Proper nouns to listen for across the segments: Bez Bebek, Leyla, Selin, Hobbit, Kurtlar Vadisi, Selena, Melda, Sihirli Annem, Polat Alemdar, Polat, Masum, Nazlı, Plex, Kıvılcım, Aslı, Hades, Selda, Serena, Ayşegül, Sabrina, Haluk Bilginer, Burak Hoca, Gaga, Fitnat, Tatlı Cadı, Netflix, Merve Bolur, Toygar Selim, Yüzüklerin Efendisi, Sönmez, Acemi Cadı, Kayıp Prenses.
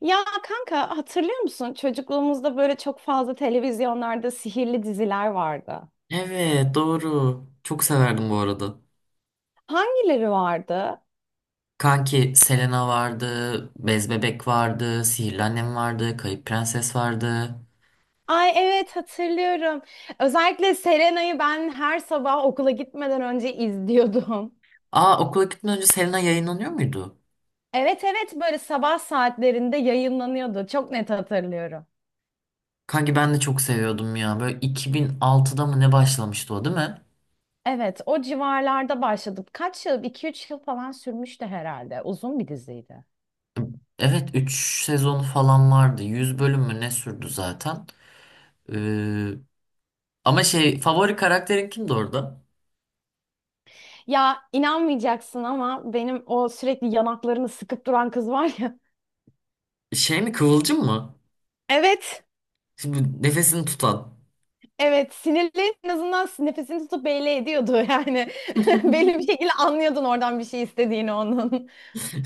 Ya kanka, hatırlıyor musun? Çocukluğumuzda böyle çok fazla televizyonlarda sihirli diziler vardı. Evet, doğru. Çok severdim bu arada. Hangileri vardı? Kanki Selena vardı, Bez Bebek vardı, Sihirli Annem vardı, Kayıp Prenses vardı. Ay evet, hatırlıyorum. Özellikle Serena'yı ben her sabah okula gitmeden önce izliyordum. Aa, okula gitmeden önce Selena yayınlanıyor muydu? Evet evet, böyle sabah saatlerinde yayınlanıyordu. Çok net hatırlıyorum. Kanki ben de çok seviyordum ya. Böyle 2006'da mı ne başlamıştı, o değil mi? Evet, o civarlarda başladım. Kaç yıl? 2 üç yıl falan sürmüştü herhalde. Uzun bir diziydi. Evet, 3 sezonu falan vardı. 100 bölüm mü ne sürdü zaten. Ee, ama şey favori karakterin kimdi orada? Ya inanmayacaksın ama benim o sürekli yanaklarını sıkıp duran kız var ya. Şey mi, Kıvılcım mı? Evet. Şimdi nefesini tutan. Evet, sinirli en azından nefesini tutup belli ediyordu yani. Belli bir şekilde anlıyordun oradan bir şey istediğini onun.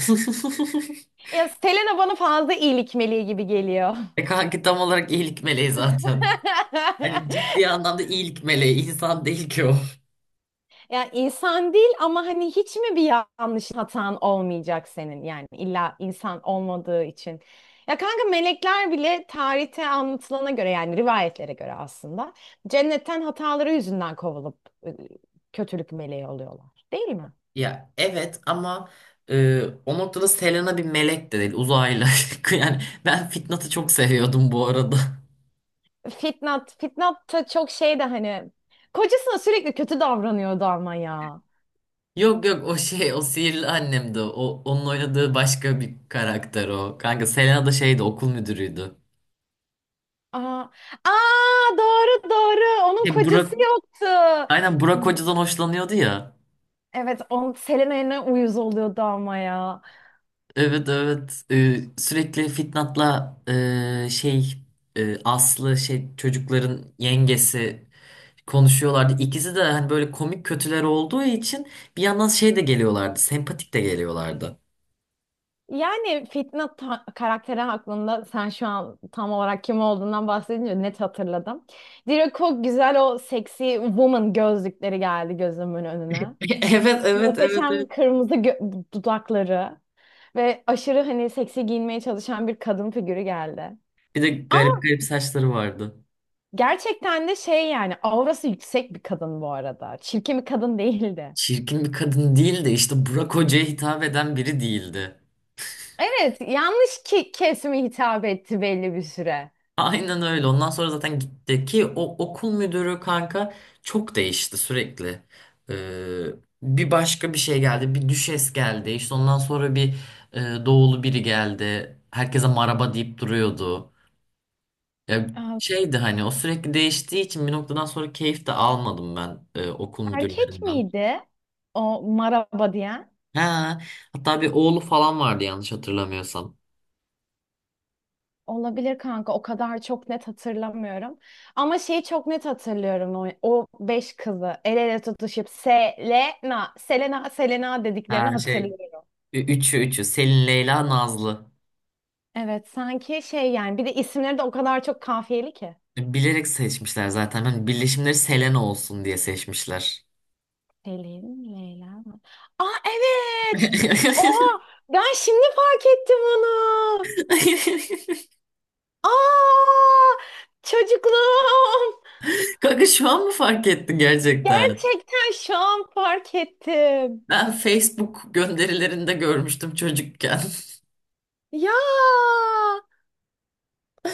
Ya Selena bana fazla iyilik meleği gibi geliyor. E, kanki tam olarak iyilik meleği zaten. Hani ciddi anlamda iyilik meleği. İnsan değil ki o. Yani insan değil ama hani hiç mi bir yanlış hatan olmayacak senin? Yani illa insan olmadığı için. Ya kanka, melekler bile tarihte anlatılana göre, yani rivayetlere göre, aslında cennetten hataları yüzünden kovulup e, kötülük meleği oluyorlar. Değil mi? Ya evet ama o noktada Selena bir melek de değil. Uzaylı. Yani ben Fitnat'ı çok seviyordum bu arada. Fitnat, Fitnat da çok şey de hani kocasına sürekli kötü davranıyordu ama ya. Yok, yok, o şey, o Sihirli Annemdi. O, onun oynadığı başka bir karakter o. Kanka, Selena da şeydi, okul müdürüydü. Aa, aa doğru doğru, onun E, kocası Burak, yoktu. aynen Burak Hoca'dan hoşlanıyordu ya. Evet, on Selena'ya uyuz oluyordu ama ya. Evet, evet. Sürekli Fitnat'la, şey, Aslı, şey, çocukların yengesi konuşuyorlardı. İkisi de hani böyle komik kötüler olduğu için bir yandan şey de geliyorlardı. Sempatik de geliyorlardı. Yani Fitnat ta- karakteri hakkında sen şu an tam olarak kim olduğundan bahsedince net hatırladım. Direkt o güzel o seksi woman gözlükleri geldi gözümün önüne. Evet, evet, evet, Muhteşem evet. kırmızı gö- dudakları. Ve aşırı hani seksi giyinmeye çalışan bir kadın figürü geldi. Bir de Ama garip garip saçları vardı. gerçekten de şey yani aurası yüksek bir kadın bu arada. Çirkin bir kadın değildi. Çirkin bir kadın değil de işte Burak Hoca'ya hitap eden biri değildi. Evet, yanlış ki kesime hitap etti belli bir süre. Aynen öyle. Ondan sonra zaten gitti ki, o okul müdürü kanka çok değişti sürekli. Ee, bir başka bir şey geldi. Bir düşes geldi. İşte ondan sonra doğulu biri geldi. Herkese maraba deyip duruyordu. Ya, Aa, şeydi hani, o sürekli değiştiği için bir noktadan sonra keyif de almadım ben okul erkek müdürlerinden. miydi o maraba diyen? Ha, hatta bir oğlu falan vardı, yanlış hatırlamıyorsam. Olabilir kanka, o kadar çok net hatırlamıyorum. Ama şeyi çok net hatırlıyorum, o, o beş kızı el ele tutuşup Selena, Selena, Selena dediklerini Ha, şey, hatırlıyorum. üçü Selin, Leyla, Nazlı. Evet, sanki şey yani bir de isimleri de o kadar çok kafiyeli ki. Bilerek seçmişler zaten. Hani birleşimleri Selena olsun diye seçmişler. Selin, Leyla. Aa evet. Oha, ben şimdi fark ettim onu. Aa, çocukluğum. Kanka, şu an mı fark ettin gerçekten? Gerçekten şu an fark ettim. Ben Facebook gönderilerinde görmüştüm çocukken. Ya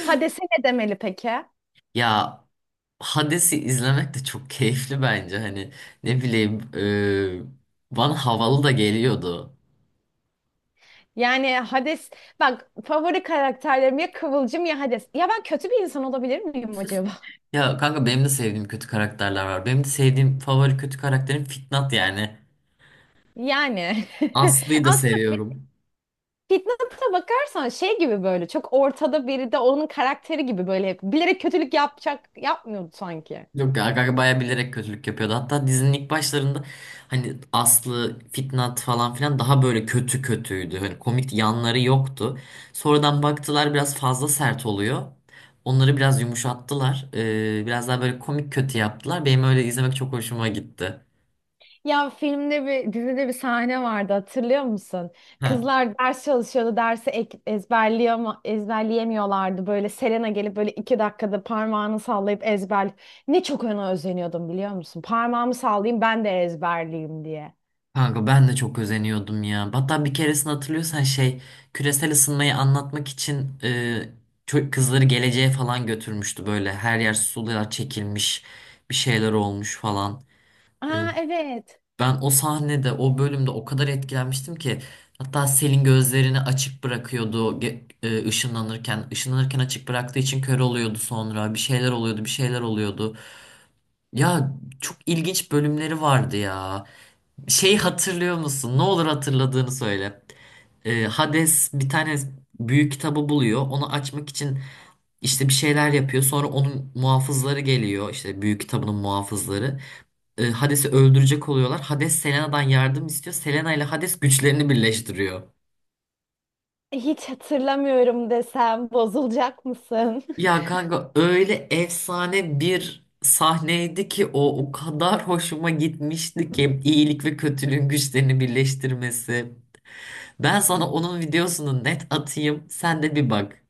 Hades'e ne demeli peki? Ya, Hades'i izlemek de çok keyifli bence. Hani, ne bileyim, bana havalı da geliyordu. Yani Hades, bak, favori karakterlerim ya Kıvılcım ya Hades. Ya ben kötü bir insan olabilir miyim acaba? Ya kanka, benim de sevdiğim kötü karakterler var. Benim de sevdiğim favori kötü karakterim Fitnat yani. Yani Aslı'yı da aslında seviyorum. Fitnat'a bakarsan şey gibi böyle çok ortada biri de onun karakteri gibi böyle hep bilerek kötülük yapacak yapmıyordu sanki. Yok, Gaga bayağı bilerek kötülük yapıyordu. Hatta dizinin ilk başlarında hani Aslı, Fitnat falan filan daha böyle kötü kötüydü. Hani komik yanları yoktu. Sonradan baktılar, biraz fazla sert oluyor. Onları biraz yumuşattılar. Biraz daha böyle komik kötü yaptılar. Benim öyle izlemek çok hoşuma gitti. Ya filmde bir dizide bir sahne vardı, hatırlıyor musun? Kızlar ders çalışıyordu, dersi ek- ezberleyema- ezberleyemiyorlardı. Böyle Selena gelip böyle iki dakikada parmağını sallayıp ezber. Ne çok ona özeniyordum, biliyor musun? Parmağımı sallayayım ben de ezberleyeyim diye. Kanka, ben de çok özeniyordum ya. Hatta bir keresini hatırlıyorsan, şey, küresel ısınmayı anlatmak için kızları geleceğe falan götürmüştü böyle. Her yer sular çekilmiş, bir şeyler olmuş falan. E, Aa evet. ben o sahnede, o bölümde o kadar etkilenmiştim ki hatta Selin gözlerini açık bırakıyordu ışınlanırken. Işınlanırken açık bıraktığı için kör oluyordu, sonra bir şeyler oluyordu, bir şeyler oluyordu. Ya, çok ilginç bölümleri vardı ya. Şey, hatırlıyor musun? Ne olur, hatırladığını söyle. Hades bir tane büyük kitabı buluyor. Onu açmak için işte bir şeyler yapıyor. Sonra onun muhafızları geliyor. İşte, büyük kitabının muhafızları. Hades'i öldürecek oluyorlar. Hades Selena'dan yardım istiyor. Selena ile Hades güçlerini birleştiriyor. Hiç hatırlamıyorum desem bozulacak mısın? Ya kanka, öyle efsane bir sahneydi ki, o o kadar hoşuma gitmişti ki iyilik ve kötülüğün güçlerini birleştirmesi. Ben sana onun videosunu net atayım, sen de bir bak.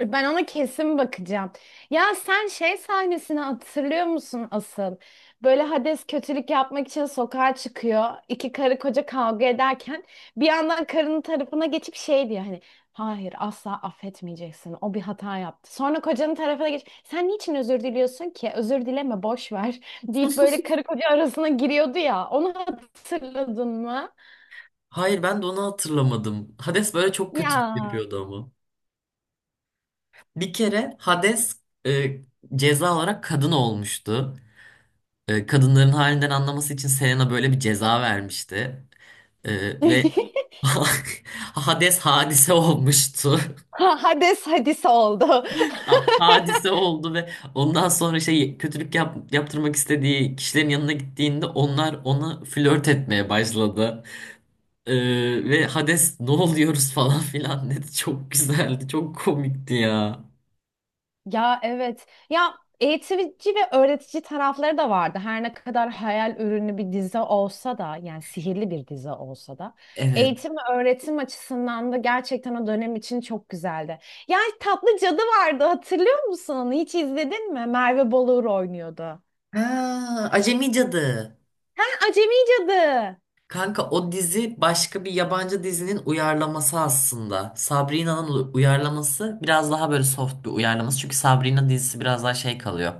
Ben ona kesin bakacağım. Ya sen şey sahnesini hatırlıyor musun asıl? Böyle Hades kötülük yapmak için sokağa çıkıyor. İki karı koca kavga ederken bir yandan karının tarafına geçip şey diyor hani, hayır asla affetmeyeceksin. O bir hata yaptı. Sonra kocanın tarafına geç. Sen niçin özür diliyorsun ki? Özür dileme, boş ver deyip böyle karı koca arasına giriyordu ya. Onu hatırladın mı? Hayır, ben de onu hatırlamadım. Hades böyle çok kötülük Ya. yapıyordu ama. Bir kere Hades e, ceza olarak kadın olmuştu. Kadınların halinden anlaması için Selena böyle bir ceza vermişti. Ve Hades hadise olmuştu. Ha- Hades hadise oldu. Hadise oldu ve ondan sonra, şey, kötülük yaptırmak istediği kişilerin yanına gittiğinde onlar ona flört etmeye başladı. Ve Hades ne oluyoruz falan filan dedi. Çok güzeldi, çok komikti ya. Ya evet. Ya eğitici ve öğretici tarafları da vardı. Her ne kadar hayal ürünü bir dizi olsa da, yani sihirli bir dizi olsa da Evet. eğitim ve öğretim açısından da gerçekten o dönem için çok güzeldi. Ya Tatlı Cadı vardı, hatırlıyor musun onu? Hiç izledin mi? Merve Bolur oynuyordu. Ha, Acemi Cadı. Ha, Acemi Cadı. Kanka, o dizi başka bir yabancı dizinin uyarlaması aslında. Sabrina'nın uyarlaması, biraz daha böyle soft bir uyarlaması. Çünkü Sabrina dizisi biraz daha şey kalıyor.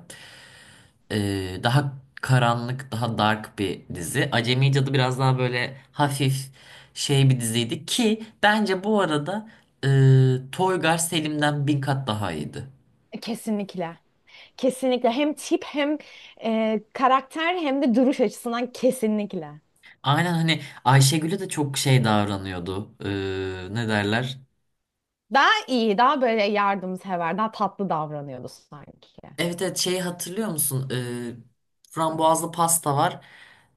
Daha karanlık, daha dark bir dizi. Acemi Cadı biraz daha böyle hafif şey bir diziydi ki, bence bu arada, Toygar Selim'den bin kat daha iyiydi. Kesinlikle. Kesinlikle. Hem tip hem karakter hem de duruş açısından kesinlikle. Aynen, hani Ayşegül'e de çok şey davranıyordu. Ne derler? Daha iyi, daha böyle yardımsever, daha tatlı davranıyordu sanki. Evet, evet, şeyi hatırlıyor musun? Frambuazlı pasta var.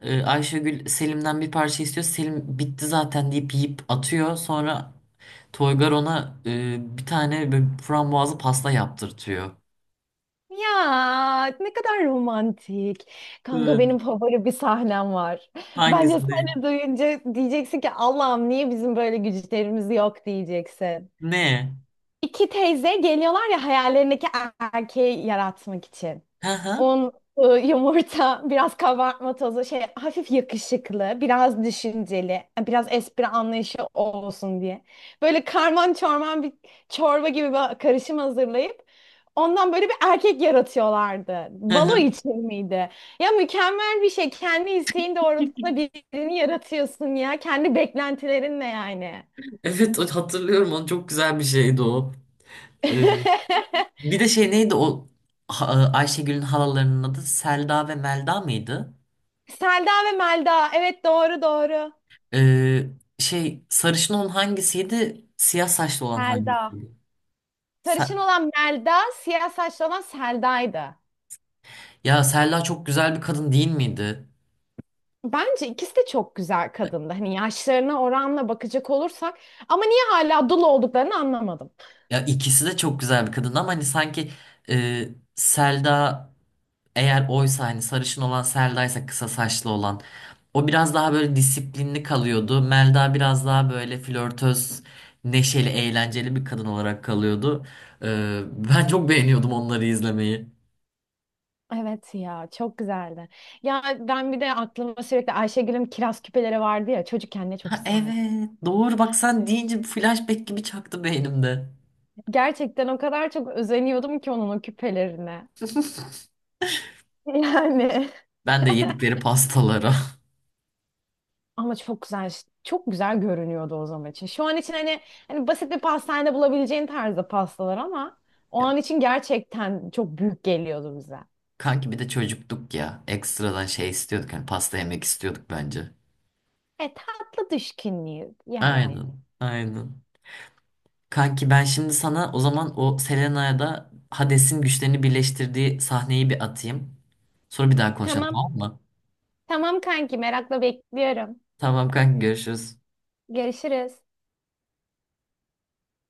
Ayşegül Selim'den bir parça istiyor. Selim bitti zaten deyip yiyip atıyor. Sonra Toygar ona bir tane böyle frambuazlı pasta yaptırtıyor. Ya ne kadar romantik. Kanka Evet. benim favori bir sahnem var. Bence Hangisini? sahne duyunca diyeceksin ki Allah'ım niye bizim böyle güçlerimiz yok diyeceksin. Ne? İki teyze geliyorlar ya hayallerindeki erkeği yaratmak için. Hı hı. Un, ı, yumurta, biraz kabartma tozu, şey hafif yakışıklı, biraz düşünceli, biraz espri anlayışı olsun diye. Böyle karman çorman bir çorba gibi bir karışım hazırlayıp ondan böyle bir erkek yaratıyorlardı. Hı Balo hı. için miydi? Ya mükemmel bir şey. Kendi isteğin doğrultusunda birini yaratıyorsun ya. Kendi beklentilerinle yani. Evet, hatırlıyorum onu, çok güzel bir şeydi o. E, bir de şey neydi o? Ayşegül'ün halalarının adı Selda ve Melda mıydı? Selda ve Melda. Evet doğru doğru. E, şey sarışın olan hangisiydi? Siyah saçlı olan Selda. hangisiydi? Sarışın Se- olan Melda, siyah saçlı olan Selda'ydı. ya Selda çok güzel bir kadın değil miydi? Bence ikisi de çok güzel kadındı. Hani yaşlarına oranla bakacak olursak. Ama niye hala dul olduklarını anlamadım. Ya, ikisi de çok güzel bir kadın ama hani sanki, e, Selda, eğer oysa, hani sarışın olan Selda'ysa, kısa saçlı olan, o biraz daha böyle disiplinli kalıyordu. Melda biraz daha böyle flörtöz, neşeli, eğlenceli bir kadın olarak kalıyordu. E, Ben çok beğeniyordum onları izlemeyi. Evet ya, çok güzeldi. Ya ben bir de aklıma sürekli Ayşegül'ün kiraz küpeleri vardı ya. Çocukken ne çok Ha, isterdim. evet doğru, bak sen deyince flashback gibi çaktı beynimde. Gerçekten o kadar çok özeniyordum ki onun o küpelerine. Yani. Ben de yedikleri pastalara. Ama çok güzel, çok güzel görünüyordu o zaman için. Şu an için hani, hani basit bir pastanede bulabileceğin tarzda pastalar ama o Ya, an için gerçekten çok büyük geliyordu bize. kanki bir de çocuktuk ya. Ekstradan şey istiyorduk, hani pasta yemek istiyorduk bence. E tatlı düşkünlüğü yani. Aynen, aynen. Kanki, ben şimdi sana o zaman o Selena'ya da Hades'in güçlerini birleştirdiği sahneyi bir atayım. Sonra bir daha konuşalım, Tamam. tamam mı? Tamam kanki, merakla bekliyorum. Tamam kanki, görüşürüz. Görüşürüz.